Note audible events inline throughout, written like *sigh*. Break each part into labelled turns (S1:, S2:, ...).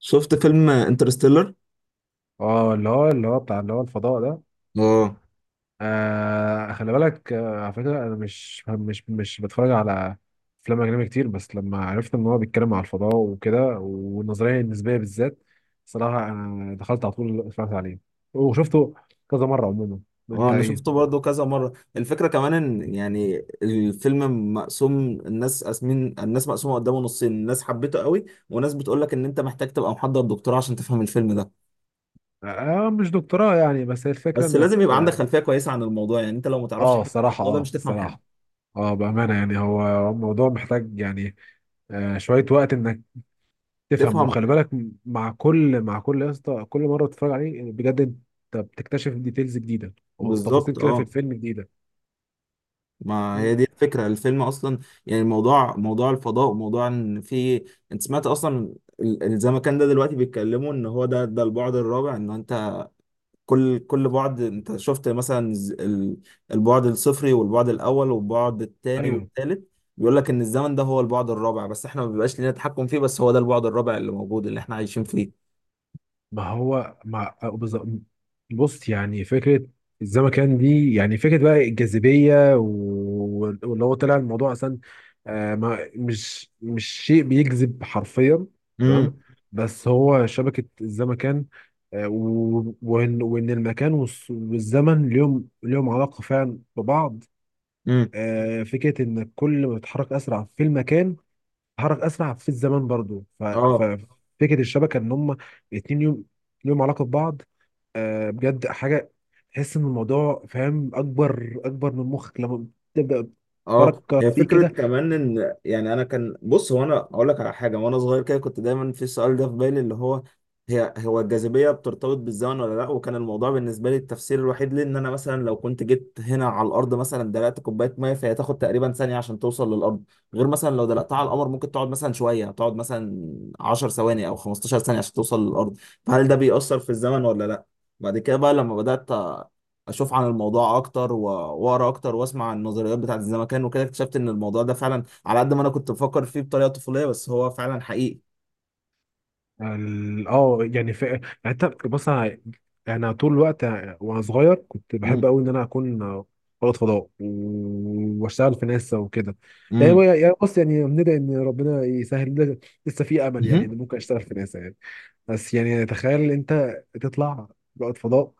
S1: شفت فيلم انترستيلر.
S2: اه اللي هو بتاع اللي هو الفضاء ده.
S1: اه.
S2: خلي بالك، على فكرة أنا مش بتفرج على أفلام أجنبي كتير، بس لما عرفت إن هو بيتكلم على الفضاء وكده والنظرية النسبية بالذات، صراحة أنا دخلت على طول اتفرجت عليه وشفته كذا مرة عموما.
S1: اه،
S2: أنت
S1: انا
S2: إيه؟
S1: شفته برضه كذا مره. الفكره كمان ان يعني الفيلم مقسوم. الناس مقسومه قدامه نصين. ناس حبيته قوي، وناس بتقول لك ان انت محتاج تبقى محضر دكتوراه عشان تفهم الفيلم ده.
S2: مش دكتوراه يعني، بس هي الفكرة
S1: بس
S2: إنك...
S1: لازم يبقى عندك خلفيه كويسه عن الموضوع، يعني انت لو ما تعرفش حاجه عن الموضوع ده مش تفهم حاجه.
S2: الصراحة، بأمانة يعني هو الموضوع محتاج يعني شوية وقت إنك تفهم،
S1: تفهم.
S2: وخلي بالك مع كل يا اسطى، كل مره بتتفرج عليه بجد انت بتكتشف ديتيلز جديده وتفاصيل
S1: بالظبط،
S2: كده في
S1: اه.
S2: الفيلم جديده.
S1: ما
S2: مم.
S1: هي دي الفكره الفيلم اصلا. يعني الموضوع موضوع الفضاء، وموضوع ان في، انت سمعت اصلا الزمكان ده دلوقتي بيتكلموا ان هو ده ده البعد الرابع. ان كل بعد انت شفت مثلا البعد الصفري والبعد الاول والبعد الثاني
S2: ايوه،
S1: والثالث. بيقول لك ان الزمن ده هو البعد الرابع، بس احنا ما بيبقاش لنا تحكم فيه، بس هو ده البعد الرابع اللي موجود اللي احنا عايشين فيه.
S2: ما هو ما بالظبط- بص، يعني فكرة الزمكان دي، يعني فكرة بقى الجاذبية واللي هو طلع الموضوع أصلا، ما مش شيء بيجذب حرفيا، تمام،
S1: امم
S2: بس هو شبكة الزمكان. وإن المكان والزمن ليهم علاقة فعلا ببعض.
S1: امم
S2: فكرة إن كل ما بتتحرك أسرع في المكان اتحرك اسرع في الزمن برضو،
S1: اه،
S2: ففكره الشبكه ان هم اتنين يوم ليهم علاقه ببعض. بجد حاجه تحس ان الموضوع فاهم، اكبر من مخك لما تبدا
S1: اه،
S2: تفكر
S1: هي
S2: فيه
S1: فكرة
S2: كده.
S1: كمان ان يعني انا كان، بص هو انا اقول لك على حاجة، وانا صغير كده كنت دايما في السؤال ده في بالي، اللي هو هي هو الجاذبية بترتبط بالزمن ولا لا. وكان الموضوع بالنسبة لي التفسير الوحيد ليه ان انا مثلا لو كنت جيت هنا على الارض مثلا دلقت كوباية مية، فهي تاخد تقريبا ثانية عشان توصل للارض. غير مثلا لو دلقتها على القمر ممكن تقعد مثلا شوية، تقعد مثلا 10 ثواني او 15 ثانية عشان توصل للارض. فهل ده بيأثر في الزمن ولا لا؟ بعد كده بقى لما بدأت اشوف عن الموضوع اكتر واقرا اكتر واسمع عن النظريات بتاعت الزمكان وكده، اكتشفت ان الموضوع ده فعلا على قد ما انا كنت بفكر فيه بطريقه طفوليه، بس هو فعلا حقيقي.
S2: يعني ف... يعني انت بص، انا يعني طول الوقت وانا صغير كنت بحب
S1: امم
S2: قوي ان انا اكون رائد فضاء واشتغل في ناسا وكده.
S1: امم
S2: بص، يعني ندعي ان ربنا يسهل لنا، لسه في امل يعني ان ممكن اشتغل في ناسا يعني. بس يعني تخيل انت تطلع رائد فضاء،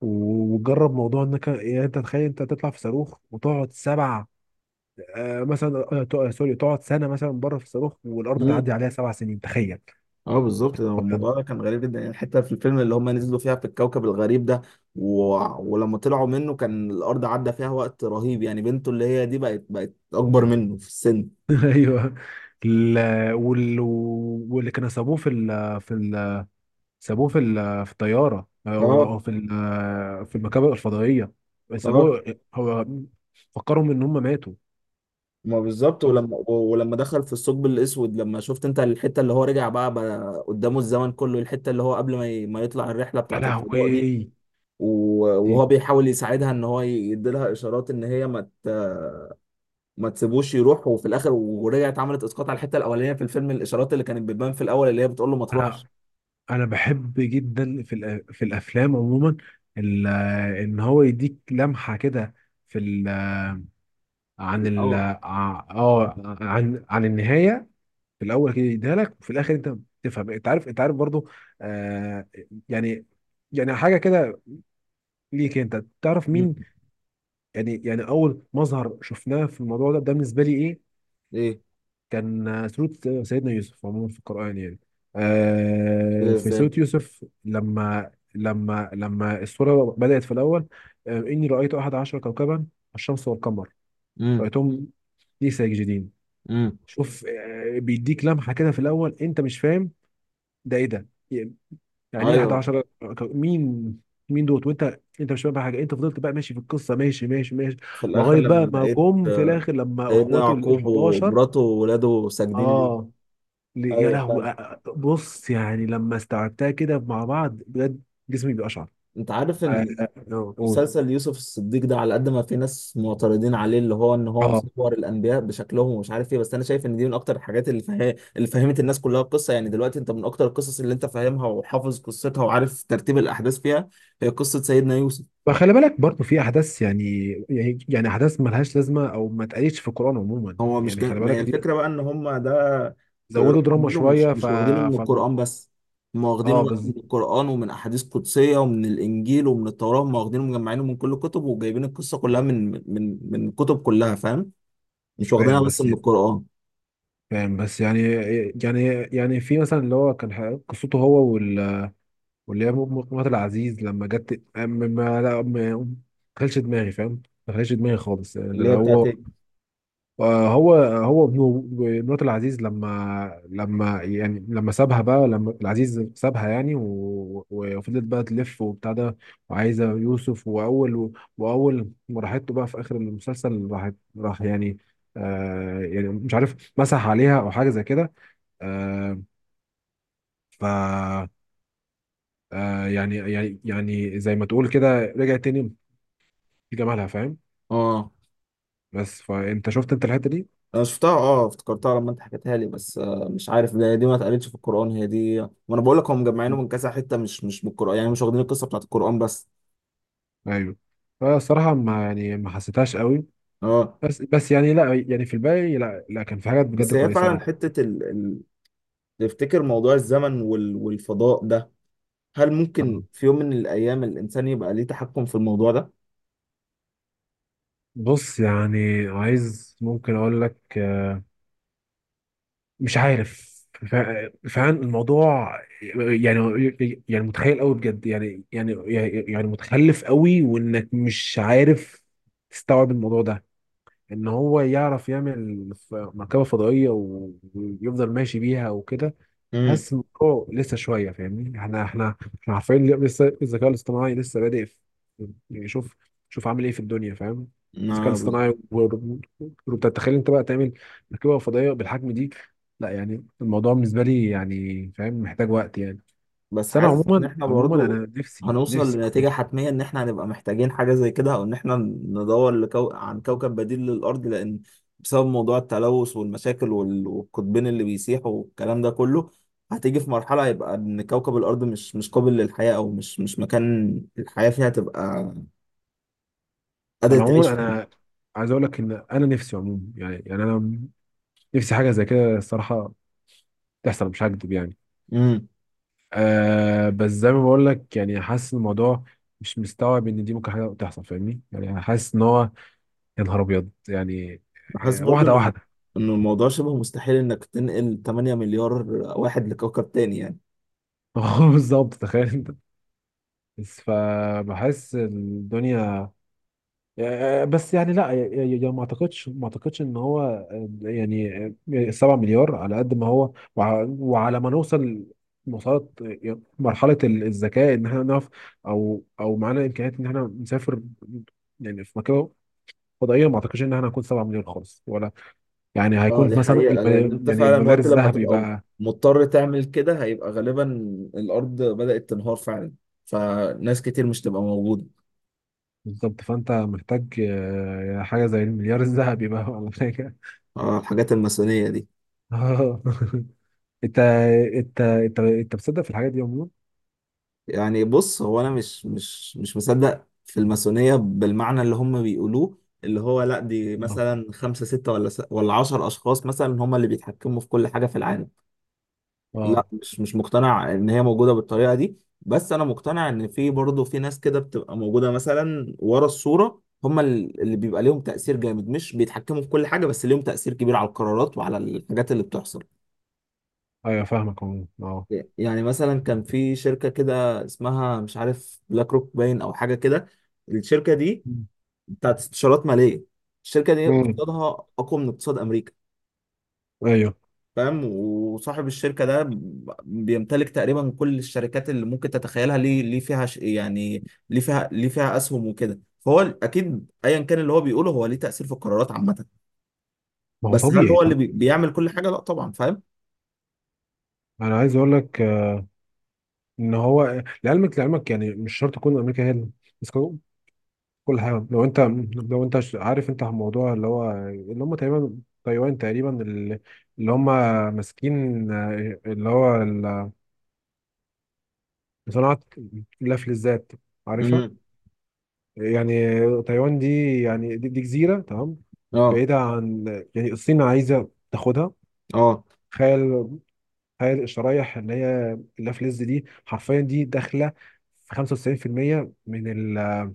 S2: وجرب موضوع انك يعني انت تخيل انت تطلع في صاروخ وتقعد سبع... آه مثلا آه تق- آه، سوري تقعد سنه مثلا بره في الصاروخ والارض تعدي
S1: امم
S2: عليها 7 سنين، تخيل.
S1: اه بالظبط. ده
S2: أبيض.
S1: الموضوع ده كان غريب جدا، يعني الحته في الفيلم اللي هم نزلوا فيها في الكوكب الغريب ده و... ولما طلعوا منه كان الارض عدى فيها وقت رهيب، يعني بنته اللي هي دي بقت اكبر منه في السن.
S2: *laughs* ايوه. ال- وال- واللي كانوا سابوه في ال في ال سابوه في ال في الطياره او
S1: اه.
S2: أو في المركبه الفضائيه،
S1: اه
S2: سابوه هو، فكرهم ان هم ماتوا.
S1: ما بالظبط،
S2: شفت؟
S1: ولما دخل في الثقب الاسود، لما شفت انت الحته اللي هو رجع بقى قدامه الزمن كله، الحته اللي هو قبل ما ما يطلع الرحله
S2: يا
S1: بتاعه الفضاء دي.
S2: لهوي.
S1: وهو بيحاول يساعدها ان هو يديلها اشارات ان هي ما تسيبوش يروح، وفي الاخر ورجعت عملت اسقاط على الحته الاولانيه في الفيلم، الاشارات اللي كانت بتبان في الاول اللي هي بتقول له ما
S2: انا
S1: تروحش
S2: بحب جدا في في الافلام عموما، ال- ان هو يديك لمحه كده في ال
S1: في
S2: عن ال
S1: الاول.
S2: ع- اه عن النهايه في الاول، كده يديها لك، وفي الاخر انت تفهم، انت عارف، برضو. آه يعني حاجه كده ليك انت تعرف
S1: مم.
S2: مين. يعني اول مظهر شفناه في الموضوع ده بالنسبه لي ايه؟
S1: ايه
S2: كان سورة سيدنا يوسف عموما في القرآن يعني.
S1: كده،
S2: في
S1: ازاي؟
S2: سورة يوسف لما لما السورة بدأت في الأول: إني رأيت أحد عشر كوكبا، الشمس والقمر،
S1: امم.
S2: رأيتهم لي ساجدين.
S1: امم.
S2: شوف، بيديك لمحة كده في الأول أنت مش فاهم ده إيه ده. يعني إيه
S1: ايوه.
S2: 11 مين؟ دوت، وأنت مش فاهم بقى حاجة، أنت فضلت بقى ماشي في القصة، ماشي ماشي ماشي،
S1: في الاخر
S2: لغاية
S1: لما
S2: بقى ما
S1: لقيت
S2: جم في الآخر لما
S1: سيدنا
S2: إخواته ال
S1: يعقوب
S2: 11.
S1: ومراته وولاده ساجدين ليه.
S2: اه. يا
S1: ايوه فعلا.
S2: لهوي، بص يعني لما استوعبتها كده مع بعض بجد جسمي بيقشعر.
S1: انت عارف
S2: ف-
S1: ان
S2: قول.
S1: مسلسل يوسف الصديق ده، على قد ما في ناس معترضين عليه اللي هو ان هو
S2: اه،
S1: مصور الانبياء بشكلهم ومش عارف ايه، بس انا شايف ان دي من اكتر الحاجات اللي اللي فهمت الناس كلها القصه. يعني دلوقتي انت من اكتر القصص اللي انت فاهمها وحافظ قصتها وعارف ترتيب الاحداث فيها، هي قصه سيدنا يوسف.
S2: فخلي بالك برضو في احداث، يعني احداث ملهاش لازمه او ما اتقالتش في القران عموما،
S1: هو مش
S2: يعني خلي
S1: ما هي
S2: بالك دي
S1: الفكره بقى ان هم ده في
S2: زودوا
S1: قراءه
S2: دراما
S1: عاملينه، مش
S2: شويه. ف
S1: مش واخدينه من
S2: فالم...
S1: القران بس. هم واخدينه
S2: اه
S1: بقى من
S2: بز...
S1: القران، ومن احاديث قدسيه، ومن الانجيل، ومن التوراه. هم واخدينه مجمعينه من كل الكتب، وجايبين القصه كلها من الكتب كلها، فاهم؟ مش
S2: فاهم
S1: واخدينها بس
S2: بس،
S1: من القرآن.
S2: فاهم بس يعني يعني يعني في مثلا اللي هو كان قصته هو واللي هي مرات العزيز، لما جت ما ما لا ما ما دخلش دماغي فاهم، ما دخلش دماغي خالص. يعني
S1: اللي
S2: اللي
S1: هي بتاعت
S2: هو
S1: إيه؟
S2: هو ابنه مرات العزيز، لما لما سابها بقى لما العزيز سابها يعني، وفضلت بقى تلف وبتاع ده، وعايزه يوسف، واول ما راحت له بقى في اخر المسلسل، راح يعني يعني مش عارف مسح عليها او حاجه زي كده. آه ف آه يعني يعني يعني زي ما تقول كده رجعت تاني لجمالها، فاهم.
S1: اه،
S2: بس فانت شفت انت الحته دي؟
S1: انا شفتها. اه، افتكرتها لما انت حكيتها لي. بس آه مش عارف، ده دي ما اتقالتش في القرآن، هي دي ما انا بقول لك هم مجمعينه من كذا حتة، مش مش من القرآن، يعني مش واخدين القصة بتاعت القرآن بس.
S2: ايوه. فالصراحه ما حسيتهاش قوي.
S1: اه.
S2: بس يعني لا، يعني في الباقي لا لا، كان في حاجات بجد
S1: بس هي
S2: كويسة
S1: فعلا
S2: أوي.
S1: حتة تفتكر موضوع الزمن والفضاء ده، هل ممكن في يوم من الأيام الإنسان يبقى ليه تحكم في الموضوع ده؟
S2: بص، يعني عايز ممكن أقول لك مش عارف. فعلا الموضوع يعني متخيل قوي بجد، يعني متخلف قوي، وإنك مش عارف تستوعب الموضوع ده، إن هو يعرف يعمل مركبة فضائية ويفضل ماشي بيها وكده. حاسس الموضوع لسه شويه، فاهمني؟ احنا احنا عارفين اللي لسه الذكاء الاصطناعي لسه بادئ في يعني شوف، عامل ايه في الدنيا، فاهم؟ الذكاء
S1: امم.
S2: الاصطناعي وروبوتات، تخيل انت بقى تعمل مركبه فضائيه بالحجم دي! لا يعني الموضوع بالنسبه لي يعني فاهم محتاج وقت يعني.
S1: بس
S2: بس انا
S1: حاسس ان
S2: عموما
S1: احنا
S2: عموما
S1: برضو
S2: انا
S1: هنوصل
S2: نفسي...
S1: لنتيجة حتمية ان احنا هنبقى محتاجين حاجة زي كده، او ان احنا ندور عن كوكب بديل للارض. لان بسبب موضوع التلوث والمشاكل والقطبين اللي بيسيحوا والكلام ده كله، هتيجي في مرحلة هيبقى ان كوكب الارض مش مش قابل للحياة، او مش مش مكان الحياة فيها تبقى قادرة
S2: انا
S1: تعيش
S2: عموما
S1: فيه.
S2: انا عايز اقول لك ان انا نفسي عموما يعني يعني انا نفسي حاجه زي كده، الصراحه، تحصل، مش هكدب يعني.
S1: امم.
S2: بس زي ما بقول لك يعني حاسس الموضوع مش مستوعب ان دي ممكن حاجه تحصل، فاهمني؟ يعني انا حاسس ان هو يا نهار ابيض يعني.
S1: حاسس برضو
S2: واحده
S1: ان
S2: واحده.
S1: ان الموضوع شبه مستحيل انك تنقل 8 مليار واحد لكوكب تاني يعني.
S2: *laughs* هو بالظبط تخيل انت. بس فبحس الدنيا بس يعني لا، ما اعتقدش ان هو يعني 7 مليار، على قد ما هو وعلى ما نوصل، وصلت مرحله الذكاء، ان احنا نعرف او معانا امكانيات ان احنا نسافر يعني في مكان فضائيه، ما اعتقدش ان احنا هنكون 7 مليون خالص، ولا يعني
S1: اه
S2: هيكون
S1: دي
S2: مثلا
S1: حقيقة، لأن أنت
S2: يعني
S1: فعلا
S2: المليار
S1: وقت لما
S2: الذهبي
S1: تبقى
S2: بقى.
S1: مضطر تعمل كده، هيبقى غالبا الأرض بدأت تنهار فعلا، فناس كتير مش تبقى موجودة.
S2: بالظبط، فانت محتاج حاجه زي المليار الذهبي بقى، ولا حاجه.
S1: اه الحاجات الماسونية دي.
S2: اه. *laughs* انت انت بتصدق في الحاجات دي عموما؟
S1: يعني بص، هو انا مش مش مش مصدق في الماسونية بالمعنى اللي هم بيقولوه، اللي هو لا دي
S2: اه
S1: مثلا خمسة ستة ولا 10 اشخاص مثلا هم اللي بيتحكموا في كل حاجة في العالم.
S2: اه.
S1: لا مش مش مقتنع ان هي موجوده بالطريقه دي، بس انا مقتنع ان في برضه في ناس كده بتبقى موجوده مثلا ورا الصوره، هم اللي بيبقى ليهم تاثير جامد، مش بيتحكموا في كل حاجه، بس ليهم تاثير كبير على القرارات وعلى الحاجات اللي بتحصل.
S2: ايوه فاهمك عموما، اه.
S1: يعني مثلا كان في شركه كده اسمها مش عارف بلاك روك باين او حاجه كده. الشركه دي بتاعت استشارات ماليه. الشركه دي
S2: امم.
S1: اقتصادها اقوى من اقتصاد امريكا.
S2: ايوه،
S1: فاهم؟ وصاحب الشركة ده بيمتلك تقريبا كل الشركات اللي ممكن تتخيلها، يعني ليه فيها أسهم وكده، فهو أكيد أيا كان اللي هو بيقوله هو ليه تأثير في القرارات عامة.
S2: ما هو
S1: بس هل
S2: طبيعي
S1: هو اللي
S2: طبيعي.
S1: بيعمل كل حاجة؟ لا طبعا، فاهم؟
S2: انا عايز اقول لك ان هو لعلمك، يعني مش شرط تكون امريكا هي كل حاجة. لو انت عارف انت الموضوع اللي هو، اللي هم تقريبا تايوان تقريبا اللي اللي هم ماسكين اللي هو صناعة الأكل الذات، عارفها؟
S1: امم.
S2: يعني تايوان دي، يعني دي جزيرة تمام،
S1: اه.
S2: بعيدة عن يعني الصين عايزة تاخدها.
S1: اه.
S2: تخيل، الشرايح اللي هي اللافلز دي حرفيا، دي داخلة في 95% من ال-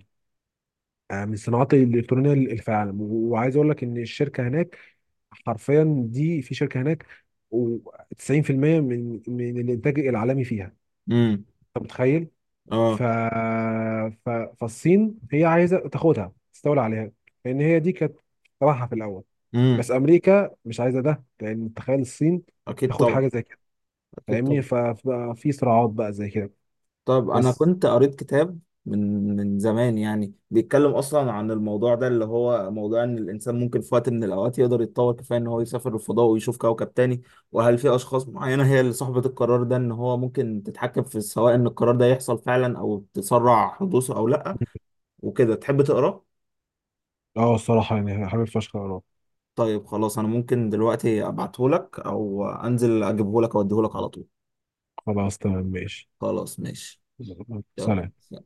S2: من الصناعات الإلكترونية اللي في العالم. وعايز أقول لك إن الشركة هناك حرفيا، دي في شركه هناك و90% من الانتاج العالمي فيها.
S1: امم.
S2: انت متخيل؟ ف...
S1: اه.
S2: ف... فالصين هي عايزه تاخدها تستولى عليها، لان هي دي كانت طمعها في الاول.
S1: امم.
S2: بس امريكا مش عايزه ده، لان تخيل الصين
S1: اكيد
S2: تاخد
S1: طبعا.
S2: حاجه زي كده،
S1: اكيد
S2: فاهمني؟
S1: طبعا.
S2: ففي صراعات بقى زي كده.
S1: طب انا
S2: بس
S1: كنت قريت كتاب من زمان، يعني بيتكلم اصلا عن الموضوع ده اللي هو موضوع ان الانسان ممكن في وقت من الاوقات يقدر يتطور كفايه ان هو يسافر الفضاء ويشوف كوكب تاني. وهل في اشخاص معينه هي اللي صاحبه القرار ده، ان هو ممكن تتحكم في سواء ان القرار ده يحصل فعلا او تسرع حدوثه او لا. وكده، تحب تقراه؟
S2: اه، الصراحه يعني حابب فشخ اروح.
S1: طيب خلاص، انا ممكن دلوقتي ابعته لك، او انزل اجيبه لك اوديه لك على طول.
S2: خلاص تمام ماشي.
S1: خلاص ماشي.
S2: سلام.
S1: يلا.